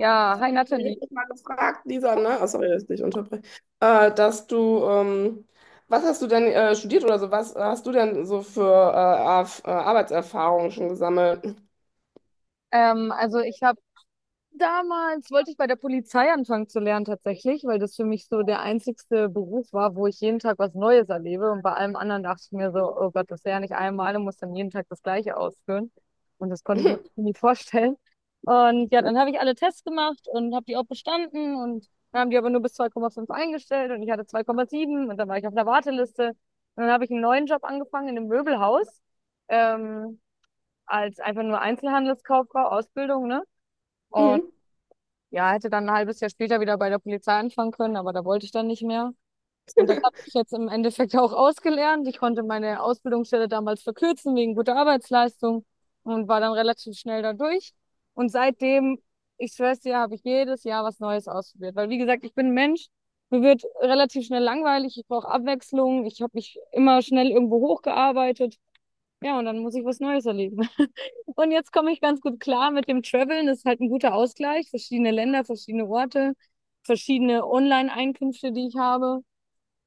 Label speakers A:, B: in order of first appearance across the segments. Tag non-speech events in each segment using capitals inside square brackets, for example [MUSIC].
A: Ja, hi
B: Ich
A: Nathalie.
B: habe dich mal gefragt, Lisa, ne? Oh, sorry, dass ich dich unterbreche. Dass du, was hast du denn studiert oder so? Was hast du denn so für Arbeitserfahrungen schon gesammelt?
A: Also ich habe damals, wollte ich bei der Polizei anfangen zu lernen tatsächlich, weil das für mich so der einzigste Beruf war, wo ich jeden Tag was Neues erlebe. Und bei allem anderen dachte ich mir so, oh Gott, das ist ja nicht einmal und muss dann jeden Tag das Gleiche ausführen. Und das
B: [CLEARS THROAT]
A: konnte ich mir [LAUGHS]
B: [LAUGHS]
A: nie vorstellen. Und ja, dann habe ich alle Tests gemacht und habe die auch bestanden. Und dann haben die aber nur bis 2,5 eingestellt und ich hatte 2,7 und dann war ich auf einer Warteliste. Und dann habe ich einen neuen Job angefangen in einem Möbelhaus. Ähm, als einfach nur Einzelhandelskauffrau, Ausbildung, ne? Und
B: Mhm.
A: ja, hätte dann ein halbes Jahr später wieder bei der Polizei anfangen können, aber da wollte ich dann nicht mehr. Und das habe ich jetzt im Endeffekt [LAUGHS] auch ausgelernt. Ich konnte meine Ausbildungsstelle damals verkürzen wegen guter Arbeitsleistung und war dann relativ schnell da durch. Und seitdem, ich schwör's dir, habe ich jedes Jahr was Neues ausprobiert. Weil, wie gesagt, ich bin ein Mensch, mir wird relativ schnell langweilig, ich brauche Abwechslung, ich habe mich immer schnell irgendwo hochgearbeitet, ja, und dann muss ich was Neues erleben. [LAUGHS] Und jetzt komme ich ganz gut klar mit dem Traveln. Das ist halt ein guter Ausgleich. Verschiedene Länder, verschiedene Orte, verschiedene Online-Einkünfte, die ich habe.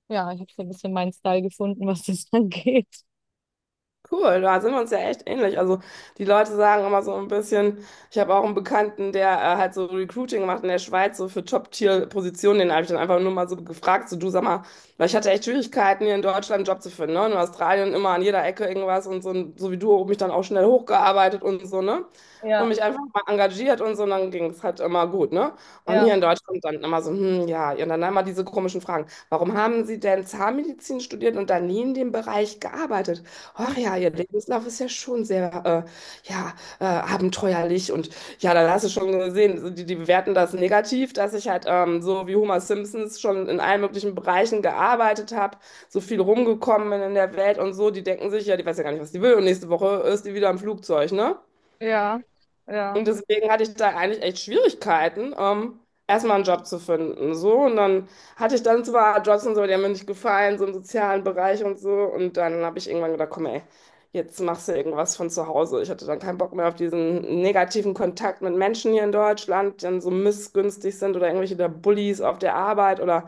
A: Ja, ich habe so ein bisschen meinen Style gefunden, was das [LAUGHS] angeht.
B: Cool, da sind wir uns ja echt ähnlich. Also die Leute sagen immer so ein bisschen, ich habe auch einen Bekannten, der halt so Recruiting macht in der Schweiz, so für Top-Tier-Positionen, den habe ich dann einfach nur mal so gefragt, so du sag mal, weil ich hatte echt Schwierigkeiten, hier in Deutschland einen Job zu finden, ne? In Australien immer an jeder Ecke irgendwas und so wie du, mich dann auch schnell hochgearbeitet und so, ne? Und
A: Ja,
B: mich einfach mal engagiert und so, und dann ging es halt immer gut, ne? Und
A: ja,
B: hier in Deutschland dann immer so, hm, ja, und dann immer diese komischen Fragen. Warum haben Sie denn Zahnmedizin studiert und dann nie in dem Bereich gearbeitet? Ach ja, ihr Lebenslauf ist ja schon sehr ja, abenteuerlich. Und ja, dann hast du schon gesehen, so die bewerten das negativ, dass ich halt so wie Homer Simpsons schon in allen möglichen Bereichen gearbeitet habe, so viel rumgekommen bin in der Welt und so. Die denken sich, ja, die weiß ja gar nicht, was die will. Und nächste Woche ist die wieder im Flugzeug, ne?
A: ja, ja,
B: Und deswegen hatte ich da eigentlich echt Schwierigkeiten, erstmal einen Job zu finden. So. Und dann hatte ich dann zwar Jobs und so, die haben mir nicht gefallen, so im sozialen Bereich und so. Und dann habe ich irgendwann gedacht, komm, ey, jetzt machst du irgendwas von zu Hause. Ich hatte dann keinen Bock mehr auf diesen negativen Kontakt mit Menschen hier in Deutschland, die dann so missgünstig sind oder irgendwelche der Bullies auf der Arbeit oder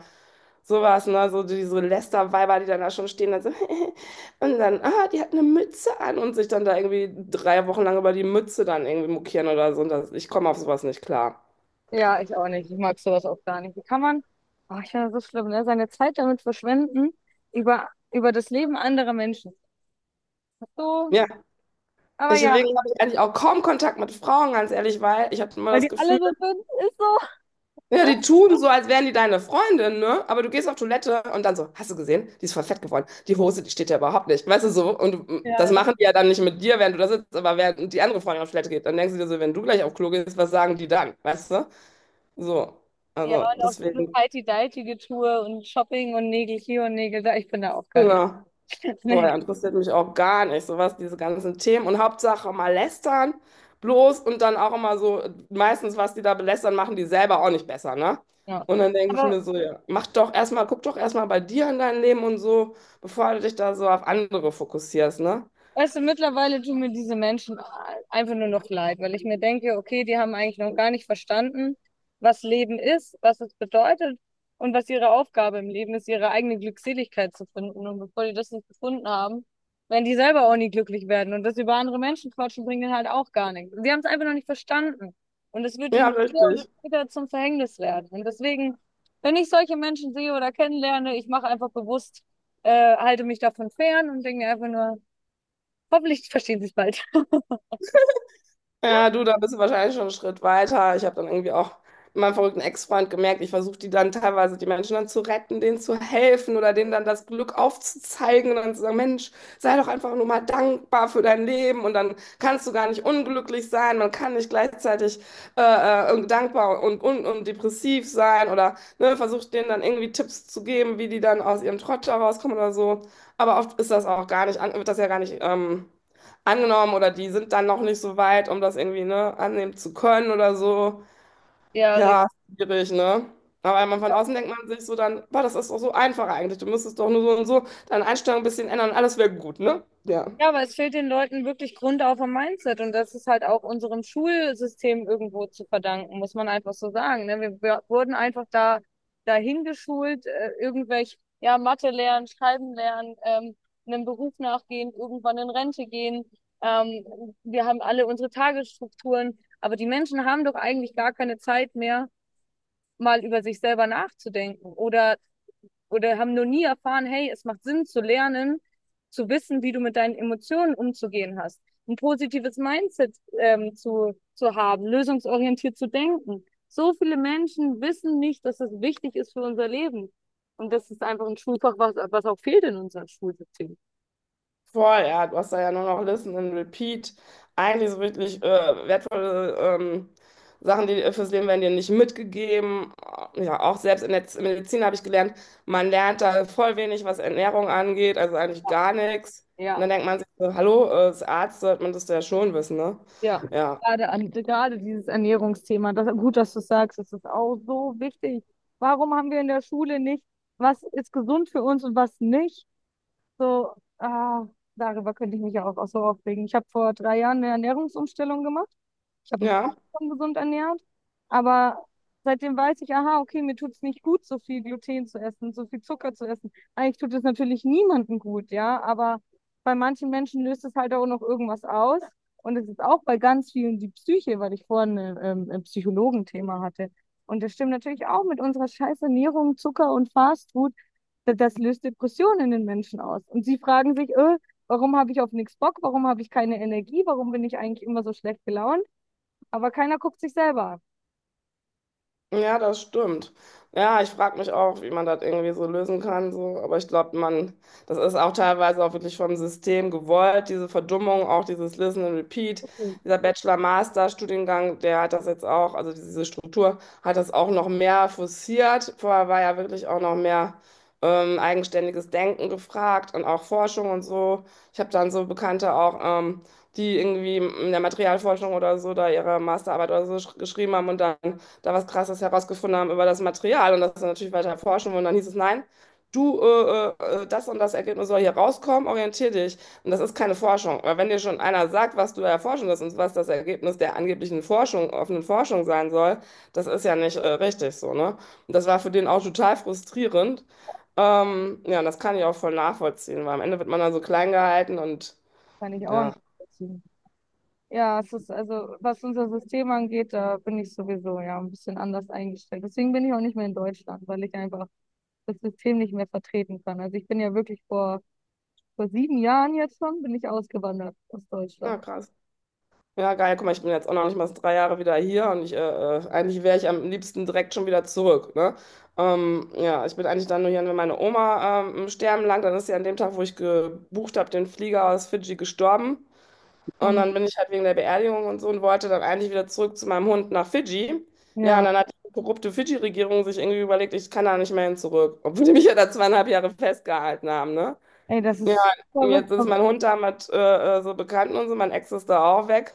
B: sowas, ne? So diese Lästerweiber, die dann da schon stehen, dann so. [LAUGHS] Und dann, ah, die hat eine Mütze an und sich dann da irgendwie 3 Wochen lang über die Mütze dann irgendwie mokieren oder so. Und das, ich komme auf sowas nicht klar.
A: ja, ich auch nicht. Ich mag sowas auch gar nicht. Wie kann man, oh, ich finde das so schlimm, ne? Seine Zeit damit verschwenden, über das Leben anderer Menschen. So,
B: Ja,
A: aber ja,
B: deswegen habe ich eigentlich auch kaum Kontakt mit Frauen, ganz ehrlich, weil ich habe immer
A: weil
B: das
A: die alle
B: Gefühl,
A: so sind, ist so.
B: ja, die tun so, als wären die deine Freundin, ne? Aber du gehst auf Toilette und dann so, hast du gesehen? Die ist voll fett geworden. Die Hose, die steht ja überhaupt nicht. Weißt du so? Und du-
A: Ja,
B: das
A: ja.
B: machen die ja dann nicht mit dir, während du da sitzt, aber während die andere Freundin auf Toilette geht. Dann denkst du dir so, wenn du gleich auf Klo gehst, was sagen die dann? Weißt du? So.
A: Ja,
B: Also,
A: und auch dieses
B: deswegen,
A: Heidi deitige Tour und Shopping und Nägel hier und Nägel da. Ich bin da auch gar nicht.
B: genau.
A: [LAUGHS]
B: Boah,
A: Nee.
B: ja, interessiert mich auch gar nicht, sowas, diese ganzen Themen. Und Hauptsache mal lästern, bloß und dann auch immer so, meistens, was die da belästern, machen die selber auch nicht besser, ne?
A: Ja.
B: Und dann denke ich
A: Aber
B: mir so, ja, mach doch erstmal, guck doch erstmal bei dir in dein Leben und so, bevor du dich da so auf andere fokussierst, ne?
A: weißt du, mittlerweile tun mir diese Menschen einfach nur noch leid, weil ich mir denke, okay, die haben eigentlich noch gar nicht verstanden, was Leben ist, was es bedeutet und was ihre Aufgabe im Leben ist, ihre eigene Glückseligkeit zu finden. Und bevor die das nicht gefunden haben, werden die selber auch nie glücklich werden. Und das über andere Menschen quatschen bringt ihnen halt auch gar nichts. Sie haben es einfach noch nicht verstanden. Und es wird
B: Ja,
A: ihnen früher oder
B: richtig.
A: später zum Verhängnis werden. Und deswegen, wenn ich solche Menschen sehe oder kennenlerne, ich mache einfach bewusst, halte mich davon fern und denke mir einfach nur, hoffentlich verstehen sie es bald.
B: Ja, du, da bist du wahrscheinlich schon einen Schritt weiter. Ich habe dann irgendwie auch mit meinem verrückten Ex-Freund gemerkt, ich versuche die dann teilweise, die Menschen dann zu retten, denen zu helfen oder denen dann das Glück aufzuzeigen und dann zu sagen, Mensch, sei doch einfach nur mal dankbar für dein Leben und dann kannst du gar nicht unglücklich sein, man kann nicht gleichzeitig äh, dankbar und depressiv sein oder ne, versucht denen dann irgendwie Tipps zu geben, wie die dann aus ihrem Trott da rauskommen oder so. Aber oft ist das auch gar nicht, an- wird das ja gar nicht... angenommen oder die sind dann noch nicht so weit, um das irgendwie, ne, annehmen zu können oder so.
A: Ja, richtig.
B: Ja, schwierig, ne? Aber wenn man von außen denkt man sich so dann, boah, das ist doch so einfach eigentlich. Du müsstest doch nur so und so deine Einstellung ein bisschen ändern und alles wäre gut, ne? Ja.
A: Ja, aber es fehlt den Leuten wirklich grundauf am Mindset und das ist halt auch unserem Schulsystem irgendwo zu verdanken, muss man einfach so sagen. Ne? Wir wurden einfach da dahin geschult, irgendwelche, ja, Mathe lernen, Schreiben lernen, einem Beruf nachgehen, irgendwann in Rente gehen. Ähm, wir haben alle unsere Tagesstrukturen, aber die Menschen haben doch eigentlich gar keine Zeit mehr, mal über sich selber nachzudenken oder haben noch nie erfahren, hey, es macht Sinn zu lernen, zu wissen, wie du mit deinen Emotionen umzugehen hast, ein positives Mindset zu haben, lösungsorientiert zu denken. So viele Menschen wissen nicht, dass das wichtig ist für unser Leben. Und das ist einfach ein Schulfach, was, was auch fehlt in unserem Schulsystem.
B: Voll, ja, du hast da ja nur noch Listen and Repeat. Eigentlich so wirklich wertvolle Sachen, die fürs Leben werden dir nicht mitgegeben. Ja, auch selbst in der Medizin habe ich gelernt, man lernt da voll wenig, was Ernährung angeht, also eigentlich gar nichts. Und
A: Ja,
B: dann denkt man sich so, hallo, als Arzt sollte man das ja schon wissen, ne?
A: ja.
B: Ja,
A: Gerade dieses Ernährungsthema, das, gut, dass du es sagst, das ist auch so wichtig. Warum haben wir in der Schule nicht, was ist gesund für uns und was nicht? So, ah, darüber könnte ich mich ja auch so aufregen. Ich habe vor 3 Jahren eine Ernährungsumstellung gemacht. Ich habe mich fast
B: ja.
A: schon gesund ernährt, aber seitdem weiß ich, aha, okay, mir tut es nicht gut, so viel Gluten zu essen, so viel Zucker zu essen. Eigentlich tut es natürlich niemandem gut, ja, aber bei manchen Menschen löst es halt auch noch irgendwas aus. Und es ist auch bei ganz vielen die Psyche, weil ich vorhin ein Psychologenthema hatte. Und das stimmt natürlich auch mit unserer scheiß Ernährung, Zucker und Fastfood, das löst Depressionen in den Menschen aus. Und sie fragen sich, warum habe ich auf nichts Bock? Warum habe ich keine Energie? Warum bin ich eigentlich immer so schlecht gelaunt? Aber keiner guckt sich selber an.
B: Ja, das stimmt. Ja, ich frage mich auch, wie man das irgendwie so lösen kann. So. Aber ich glaube, man, das ist auch teilweise auch wirklich vom System gewollt, diese Verdummung, auch dieses Listen and Repeat.
A: Okay,
B: Dieser Bachelor-Master-Studiengang, der hat das jetzt auch, also diese Struktur hat das auch noch mehr forciert. Vorher war ja wirklich auch noch mehr eigenständiges Denken gefragt und auch Forschung und so. Ich habe dann so Bekannte auch. Die irgendwie in der Materialforschung oder so da ihre Masterarbeit oder so geschrieben haben und dann da was Krasses herausgefunden haben über das Material und das dann natürlich weiter erforschen. Und dann hieß es, nein, du, das und das Ergebnis soll hier rauskommen, orientier dich. Und das ist keine Forschung. Weil wenn dir schon einer sagt, was du erforschen wirst und was das Ergebnis der angeblichen Forschung, offenen Forschung sein soll, das ist ja nicht richtig so, ne? Und das war für den auch total frustrierend. Ja, und das kann ich auch voll nachvollziehen, weil am Ende wird man dann so klein gehalten und
A: kann ich auch
B: ja,
A: nicht nachvollziehen. Ja, es ist also, was unser System angeht, da bin ich sowieso ja ein bisschen anders eingestellt. Deswegen bin ich auch nicht mehr in Deutschland, weil ich einfach das System nicht mehr vertreten kann. Also ich bin ja wirklich vor 7 Jahren jetzt schon, bin ich ausgewandert aus
B: na
A: Deutschland.
B: krass. Ja, geil, guck mal, ich bin jetzt auch noch nicht mal 3 Jahre wieder hier und ich, eigentlich wäre ich am liebsten direkt schon wieder zurück, ne? Ja, ich bin eigentlich dann nur hier, wenn meine Oma im Sterben lag, dann ist sie an dem Tag, wo ich gebucht habe, den Flieger aus Fidschi gestorben. Und
A: Und,
B: dann bin ich halt wegen der Beerdigung und so und wollte dann eigentlich wieder zurück zu meinem Hund nach Fidschi. Ja, und
A: ja,
B: dann hat die korrupte Fidschi-Regierung sich irgendwie überlegt, ich kann da nicht mehr hin zurück, obwohl die mich ja da 2,5 Jahre festgehalten haben, ne?
A: ey, das
B: Ja,
A: ist verrückt.
B: jetzt ist
A: Aber-
B: mein Hund da mit so Bekannten und so, mein Ex ist da auch weg.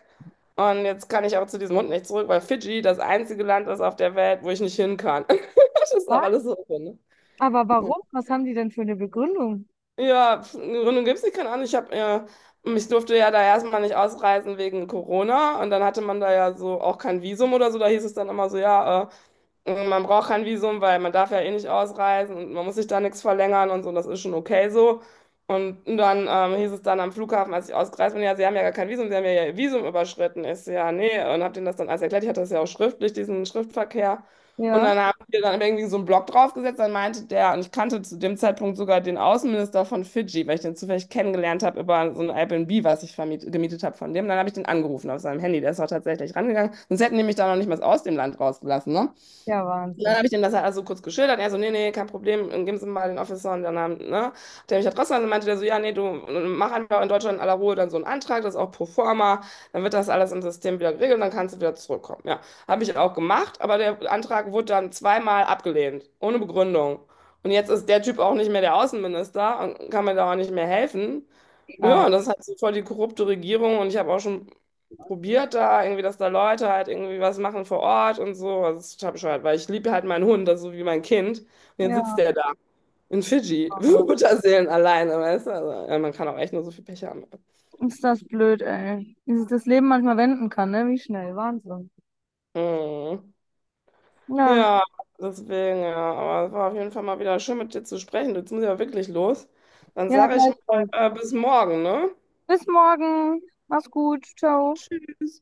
B: Und jetzt kann ich auch zu diesem Hund nicht zurück, weil Fidschi das einzige Land ist auf der Welt, wo ich nicht hin kann. [LAUGHS] Das ist auch
A: Was?
B: alles so. Drin.
A: Aber
B: Ne?
A: warum? Was haben die denn für eine Begründung?
B: Ja, pf, eine Gründung gibt es nicht, keine Ahnung. Ich habe, ich durfte ja da erstmal nicht ausreisen wegen Corona und dann hatte man da ja so auch kein Visum oder so. Da hieß es dann immer so, ja, und Man braucht kein Visum, weil man darf ja eh nicht ausreisen und man muss sich da nichts verlängern und so, das ist schon okay so. Und dann hieß es dann am Flughafen, als ich ausgereist bin, ja, Sie haben ja gar kein Visum, Sie haben ja Ihr Visum überschritten. Ich so, ja, nee, und hab denen das dann alles erklärt. Ich hatte das ja auch schriftlich, diesen Schriftverkehr. Und
A: Ja,
B: dann haben wir dann irgendwie so einen Block draufgesetzt, dann meinte der, und ich kannte zu dem Zeitpunkt sogar den Außenminister von Fidschi, weil ich den zufällig kennengelernt habe über so ein Airbnb, was ich vermiet, gemietet habe von dem. Dann habe ich den angerufen auf seinem Handy, der ist auch tatsächlich rangegangen. Sonst hätten die mich da noch nicht mal aus dem Land rausgelassen, ne?
A: ja,
B: Und dann
A: Wahnsinn.
B: habe ich dem das halt also kurz geschildert. Er so, nee, nee, kein Problem, geben Sie mir mal den Officer. Und dann, haben, ne, der mich halt trotzdem und meinte der so, ja, nee, du mach einfach in Deutschland in aller Ruhe dann so einen Antrag, das ist auch pro forma, dann wird das alles im System wieder geregelt und dann kannst du wieder zurückkommen. Ja, habe ich auch gemacht, aber der Antrag wurde dann zweimal abgelehnt, ohne Begründung. Und jetzt ist der Typ auch nicht mehr der Außenminister und kann mir da auch nicht mehr helfen.
A: Geil.
B: Ja, und das ist halt so voll die korrupte Regierung und ich habe auch schon probiert da irgendwie, dass da Leute halt irgendwie was machen vor Ort und so. Also das ist total bescheuert, weil ich liebe halt meinen Hund, das ist so wie mein Kind. Und jetzt sitzt
A: Ja,
B: der da in Fidschi, [LAUGHS] Mutterseelen alleine, weißt du? Also, ja, man kann auch echt nur so viel Pech haben.
A: ist das blöd, ey. Wie sich das Leben manchmal wenden kann, ne? Wie schnell. Wahnsinn.
B: Mhm.
A: Ja,
B: Ja, deswegen, ja. Aber es war auf jeden Fall mal wieder schön, mit dir zu sprechen. Jetzt muss ich ja wirklich los. Dann
A: ja,
B: sage ich mal,
A: gleichfalls.
B: bis morgen, ne?
A: Bis morgen. Mach's gut. Ciao.
B: Tschüss.